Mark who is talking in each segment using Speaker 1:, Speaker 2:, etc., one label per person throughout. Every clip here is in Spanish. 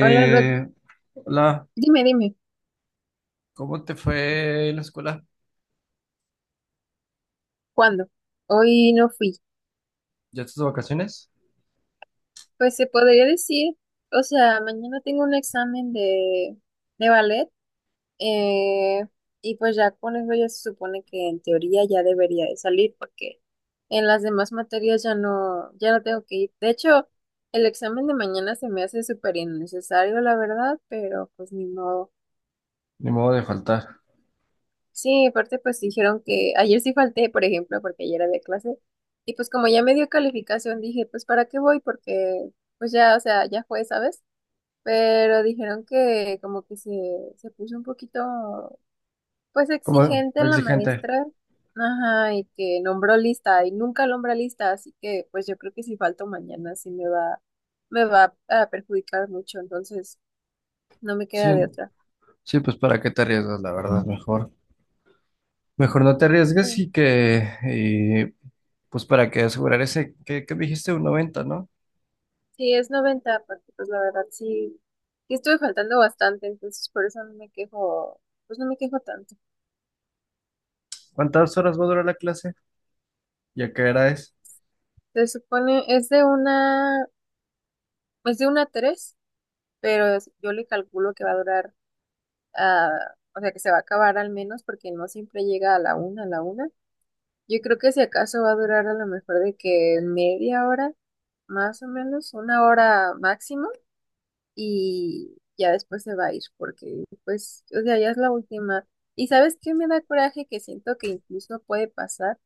Speaker 1: Hola, Rod.
Speaker 2: Hola,
Speaker 1: Dime,
Speaker 2: ¿cómo te fue en la escuela?
Speaker 1: ¿cuándo? Hoy no fui.
Speaker 2: ¿Ya estás de vacaciones?
Speaker 1: Pues se podría decir, o sea, mañana tengo un examen de ballet eh, y pues ya con eso ya se supone que en teoría ya debería de salir porque en las demás materias ya no tengo que ir. De hecho, el examen de mañana se me hace súper innecesario, la verdad, pero pues ni modo.
Speaker 2: Ni modo de faltar.
Speaker 1: Sí, aparte pues dijeron que ayer sí falté, por ejemplo, porque ayer había clase. Y pues como ya me dio calificación, dije, pues ¿para qué voy? Porque pues ya, o sea, ya fue, ¿sabes? Pero dijeron que se puso un poquito, pues
Speaker 2: ¿Cómo?
Speaker 1: exigente la
Speaker 2: Exigente.
Speaker 1: maestra. Ajá, y que nombró lista y nunca nombra lista, así que pues yo creo que si falto mañana me va a perjudicar mucho, entonces no me
Speaker 2: Sí,
Speaker 1: queda de otra.
Speaker 2: sí, pues para qué te arriesgas, la verdad, mejor. Mejor no te
Speaker 1: Sí.
Speaker 2: arriesgues y que, pues para que asegurar ese, que dijiste un 90, ¿no?
Speaker 1: Sí, es 90, porque pues la verdad sí, sí estuve faltando bastante, entonces por eso no me quejo, pues no me quejo tanto.
Speaker 2: ¿Cuántas horas va a durar la clase? ¿Y a qué hora es?
Speaker 1: Se supone, es de una 3 pero yo le calculo que va a durar, ah, o sea que se va a acabar al menos, porque no siempre llega a a la una. Yo creo que si acaso va a durar a lo mejor de que media hora, más o menos, una hora máximo, y ya después se va a ir porque pues, o sea, ya es la última. Y sabes qué me da coraje que siento que incluso puede pasar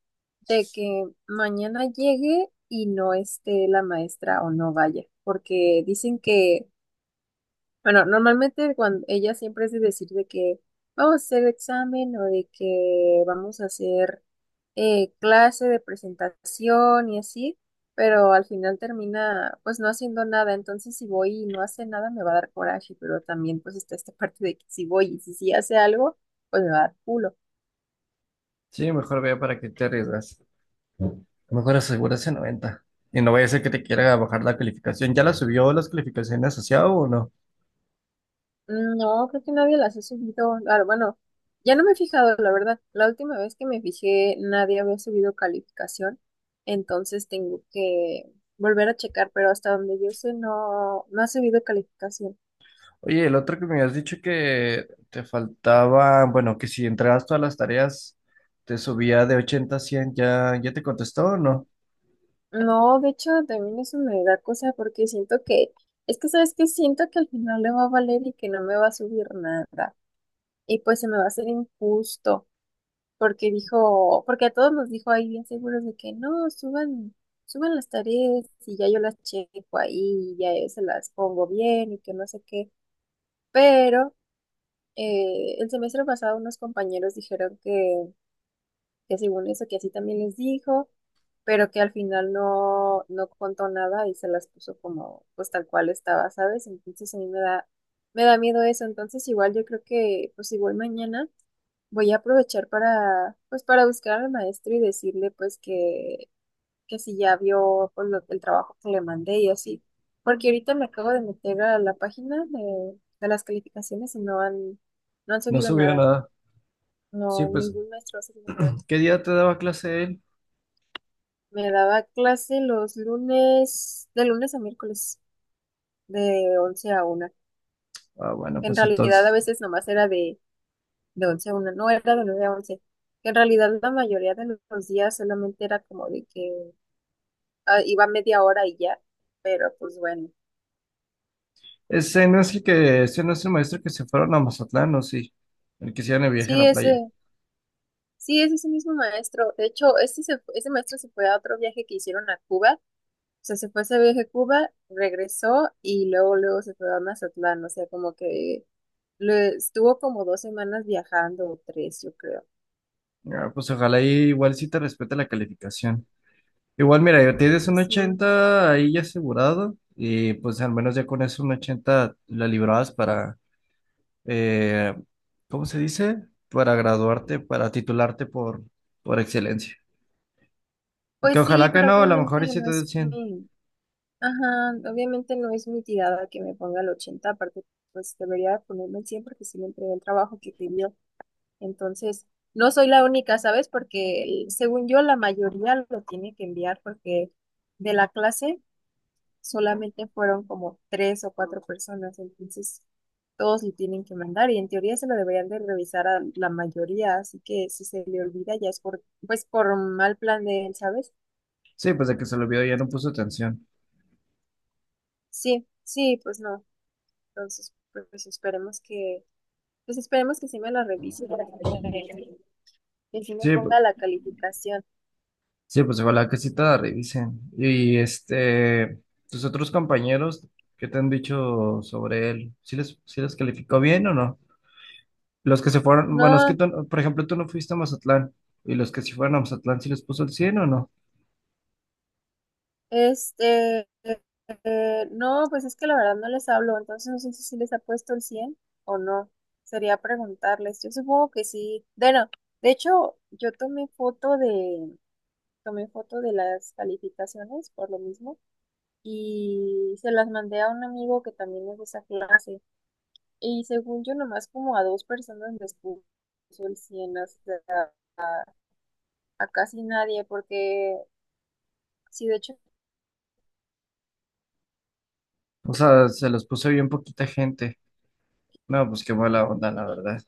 Speaker 1: de que mañana llegue y no esté la maestra o no vaya, porque dicen que, bueno, normalmente cuando ella siempre es de decir de que vamos a hacer examen o de que vamos a hacer clase de presentación y así, pero al final termina pues no haciendo nada, entonces si voy y no hace nada me va a dar coraje, pero también pues está esta parte de que si voy y si sí hace algo, pues me va a dar culo.
Speaker 2: Sí, mejor vea para qué te arriesgas. Mejor asegura ese 90. Y no vaya a ser que te quiera bajar la calificación. ¿Ya la subió las calificaciones asociado o no?
Speaker 1: No, creo que nadie las ha subido, ah, bueno, ya no me he fijado, la verdad, la última vez que me fijé nadie había subido calificación, entonces tengo que volver a checar, pero hasta donde yo sé no ha subido calificación.
Speaker 2: Oye, el otro que me habías dicho que te faltaba, bueno, que si entregabas todas las tareas, te subía de 80 a 100. ¿Ya, ya te contestó o no?
Speaker 1: No, de hecho, también eso me da cosa porque siento que es que sabes que siento que al final le va a valer y que no me va a subir nada. Y pues se me va a hacer injusto, porque a todos nos dijo ahí bien seguros de que no, suban, suban las tareas y ya yo las checo ahí, y ya yo se las pongo bien y que no sé qué. Pero el semestre pasado unos compañeros dijeron que según eso, que así también les dijo, pero que al final no contó nada y se las puso como, pues tal cual estaba, ¿sabes? Entonces a mí me da miedo eso, entonces igual yo creo que, pues igual mañana voy a aprovechar para, pues para buscar al maestro y decirle, pues que si ya vio pues, el trabajo que le mandé y así, porque ahorita me acabo de meter a la de las calificaciones y no han
Speaker 2: No
Speaker 1: subido
Speaker 2: subía
Speaker 1: nada,
Speaker 2: nada. Sí,
Speaker 1: no,
Speaker 2: pues,
Speaker 1: ningún maestro ha subido nada.
Speaker 2: ¿qué día te daba clase él?
Speaker 1: Me daba clase los lunes, de lunes a miércoles, de 11 a una.
Speaker 2: Ah, bueno,
Speaker 1: En
Speaker 2: pues
Speaker 1: realidad a
Speaker 2: entonces,
Speaker 1: veces de 11 a una no era de 9 a once. En realidad la mayoría de los días solamente era como de que iba media hora y ya, pero pues bueno.
Speaker 2: ese no es el maestro que se fueron a Mazatlán, ¿o sí? El que hicieron el viaje a
Speaker 1: Sí,
Speaker 2: la playa.
Speaker 1: ese, sí, es ese mismo maestro. De hecho, ese maestro se fue a otro viaje que hicieron a Cuba, sea, se fue ese viaje a Cuba, regresó y luego se fue a Mazatlán. O sea, como que estuvo como dos semanas viajando o tres, yo creo.
Speaker 2: Ah, pues ojalá ahí igual sí te respete la calificación. Igual, mira, ya tienes un
Speaker 1: Sí.
Speaker 2: ochenta ahí ya asegurado, y pues al menos ya con eso un 80 la librabas para eh, ¿cómo se dice? Para graduarte, para titularte por excelencia. Que
Speaker 1: Pues
Speaker 2: ojalá
Speaker 1: sí,
Speaker 2: que
Speaker 1: pero
Speaker 2: no, a lo
Speaker 1: obviamente
Speaker 2: mejor y sí
Speaker 1: no
Speaker 2: te del
Speaker 1: es
Speaker 2: 100.
Speaker 1: mi, ajá, obviamente no es mi tirada que me ponga el 80 aparte pues debería ponerme el 100 porque sí me entregué el trabajo que pidió. Entonces, no soy la única, ¿sabes? Porque según yo la mayoría lo tiene que enviar porque de la clase solamente fueron como tres o cuatro personas, entonces todos le tienen que mandar y en teoría se lo deberían de revisar a la mayoría, así que si se le olvida ya es por, pues por mal plan de él, ¿sabes?
Speaker 2: Sí, pues de que se lo vio ya no puso atención.
Speaker 1: Sí, sí, pues no, entonces pues esperemos que, pues esperemos que sí me la revise para que sí me
Speaker 2: Sí,
Speaker 1: ponga la calificación.
Speaker 2: sí, pues ojalá que sí te la revisen. Y este, tus otros compañeros, ¿qué te han dicho sobre él? ¿Sí les calificó bien o no? Los que se fueron, bueno, es que
Speaker 1: No,
Speaker 2: tú, por ejemplo, tú no fuiste a Mazatlán. Y los que sí fueron a Mazatlán, ¿sí les puso el 100 o no?
Speaker 1: este, no, pues es que la verdad no les hablo, entonces no sé si les ha puesto el 100 o no. Sería preguntarles. Yo supongo que sí. Bueno, de hecho, yo tomé foto de las calificaciones por lo mismo y se las mandé a un amigo que también es de esa clase. Y según yo, nomás como a dos personas les puso el 100, o a casi nadie, porque sí, de hecho
Speaker 2: O sea, se los puso bien poquita gente. No, pues qué mala onda, la verdad.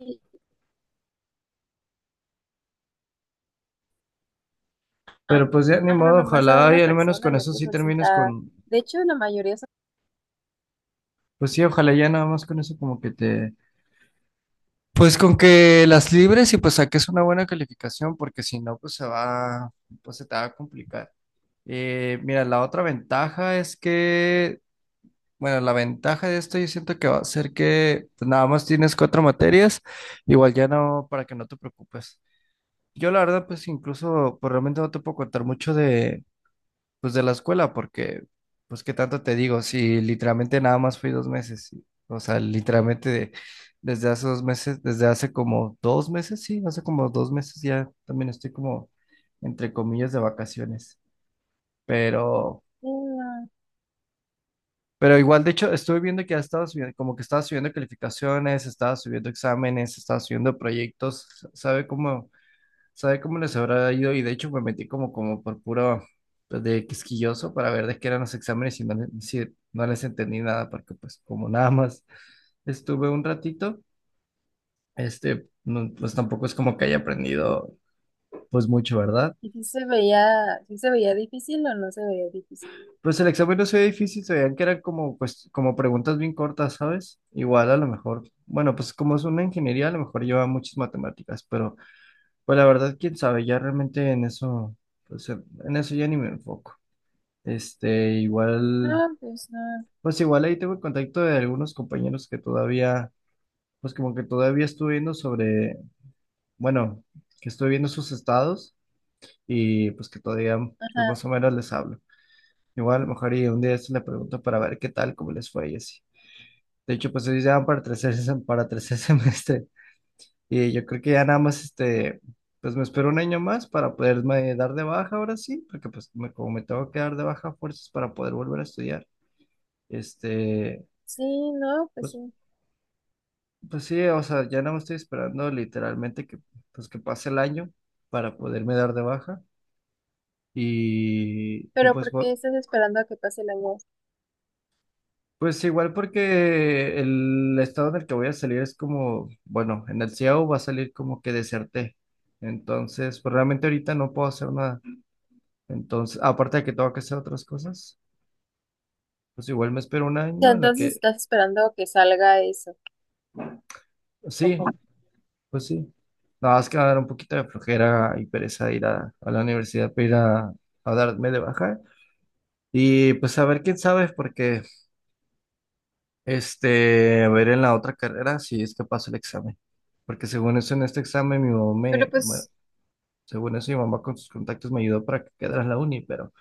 Speaker 1: ah,
Speaker 2: Pero pues ya ni
Speaker 1: ah, no,
Speaker 2: modo,
Speaker 1: nomás a
Speaker 2: ojalá y
Speaker 1: una
Speaker 2: al menos
Speaker 1: persona
Speaker 2: con
Speaker 1: le
Speaker 2: eso sí
Speaker 1: puso el
Speaker 2: termines
Speaker 1: cinta.
Speaker 2: con,
Speaker 1: De hecho, la mayoría son...
Speaker 2: pues sí, ojalá ya nada más con eso como que te, pues con que las libres y pues saques una buena calificación, porque si no, pues se te va a complicar. Mira, la otra ventaja es que, bueno, la ventaja de esto yo siento que va a ser que pues, nada más tienes cuatro materias, igual ya no, para que no te preocupes. Yo la verdad, pues incluso, pues realmente no te puedo contar mucho pues de la escuela, porque, pues qué tanto te digo, si literalmente nada más fui 2 meses, sí. O sea, literalmente desde hace 2 meses, desde hace como 2 meses, sí, hace como dos meses ya también estoy como, entre comillas, de vacaciones, pero...
Speaker 1: Mm,
Speaker 2: Pero igual, de hecho, estuve viendo que ha estado subiendo, como que estaba subiendo calificaciones, estaba subiendo exámenes, estaba subiendo proyectos, ¿sabe cómo? ¿Sabe cómo les habrá ido. Y de hecho me metí como, por puro pues, de quisquilloso para ver de qué eran los exámenes y no, sí, no les entendí nada porque pues como nada más estuve un ratito, este, no, pues tampoco es como que haya aprendido pues mucho, ¿verdad?
Speaker 1: ¿y si se veía, si se veía difícil o no se veía difícil?
Speaker 2: Pues el examen no se veía difícil, se veían que eran como, pues, como preguntas bien cortas, ¿sabes? Igual a lo mejor, bueno, pues como es una ingeniería, a lo mejor lleva muchas matemáticas, pero pues la verdad, quién sabe, ya realmente en eso, pues en eso ya ni me enfoco. Este, igual,
Speaker 1: No, pues no.
Speaker 2: pues igual ahí tengo el contacto de algunos compañeros que todavía, pues como que todavía estuve viendo sobre, bueno, que estoy viendo sus estados y pues que todavía, pues
Speaker 1: Ajá.
Speaker 2: más o menos les hablo. Igual, a lo mejor y un día se le pregunto para ver qué tal, cómo les fue y así. De hecho, pues ellos ya van para tercer semestre y yo creo que ya nada más, este, pues me espero un año más para poderme dar de baja ahora sí, porque pues como me tengo que dar de baja a fuerzas para poder volver a estudiar, este...
Speaker 1: Sí, no, pues
Speaker 2: Pues
Speaker 1: sí.
Speaker 2: Pues sí, o sea, ya no me estoy esperando literalmente que, pues, que pase el año para poderme dar de baja. Y
Speaker 1: Pero
Speaker 2: pues,
Speaker 1: ¿por qué estás esperando a que pase el año? O
Speaker 2: pues igual porque el estado en el que voy a salir es como, bueno, en el CIAO va a salir como que deserté. Entonces, pues realmente ahorita no puedo hacer nada. Entonces, aparte de que tengo que hacer otras cosas, pues igual me espero un
Speaker 1: sea,
Speaker 2: año en lo
Speaker 1: entonces
Speaker 2: que,
Speaker 1: estás esperando a que salga eso. ¿O cómo?
Speaker 2: sí, pues sí. Nada más que va a dar un poquito de flojera y pereza ir a la universidad para ir a darme de baja. Y pues a ver quién sabe, porque este, a ver en la otra carrera si es que paso el examen. Porque según eso, en este examen,
Speaker 1: Pero
Speaker 2: bueno,
Speaker 1: pues,
Speaker 2: según eso, mi mamá con sus contactos me ayudó para que quedara en la uni, pero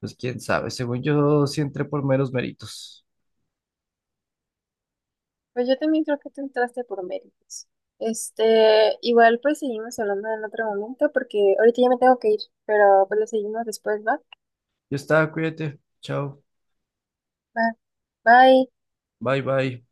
Speaker 2: pues quién sabe. Según yo, sí entré por meros méritos.
Speaker 1: pues yo también creo que tú entraste por méritos. Este, igual pues seguimos hablando en otro momento porque ahorita ya me tengo que ir, pero pues lo seguimos después, ¿va?
Speaker 2: Ya está, cuídate. Chao.
Speaker 1: Va. Bye.
Speaker 2: Bye, bye.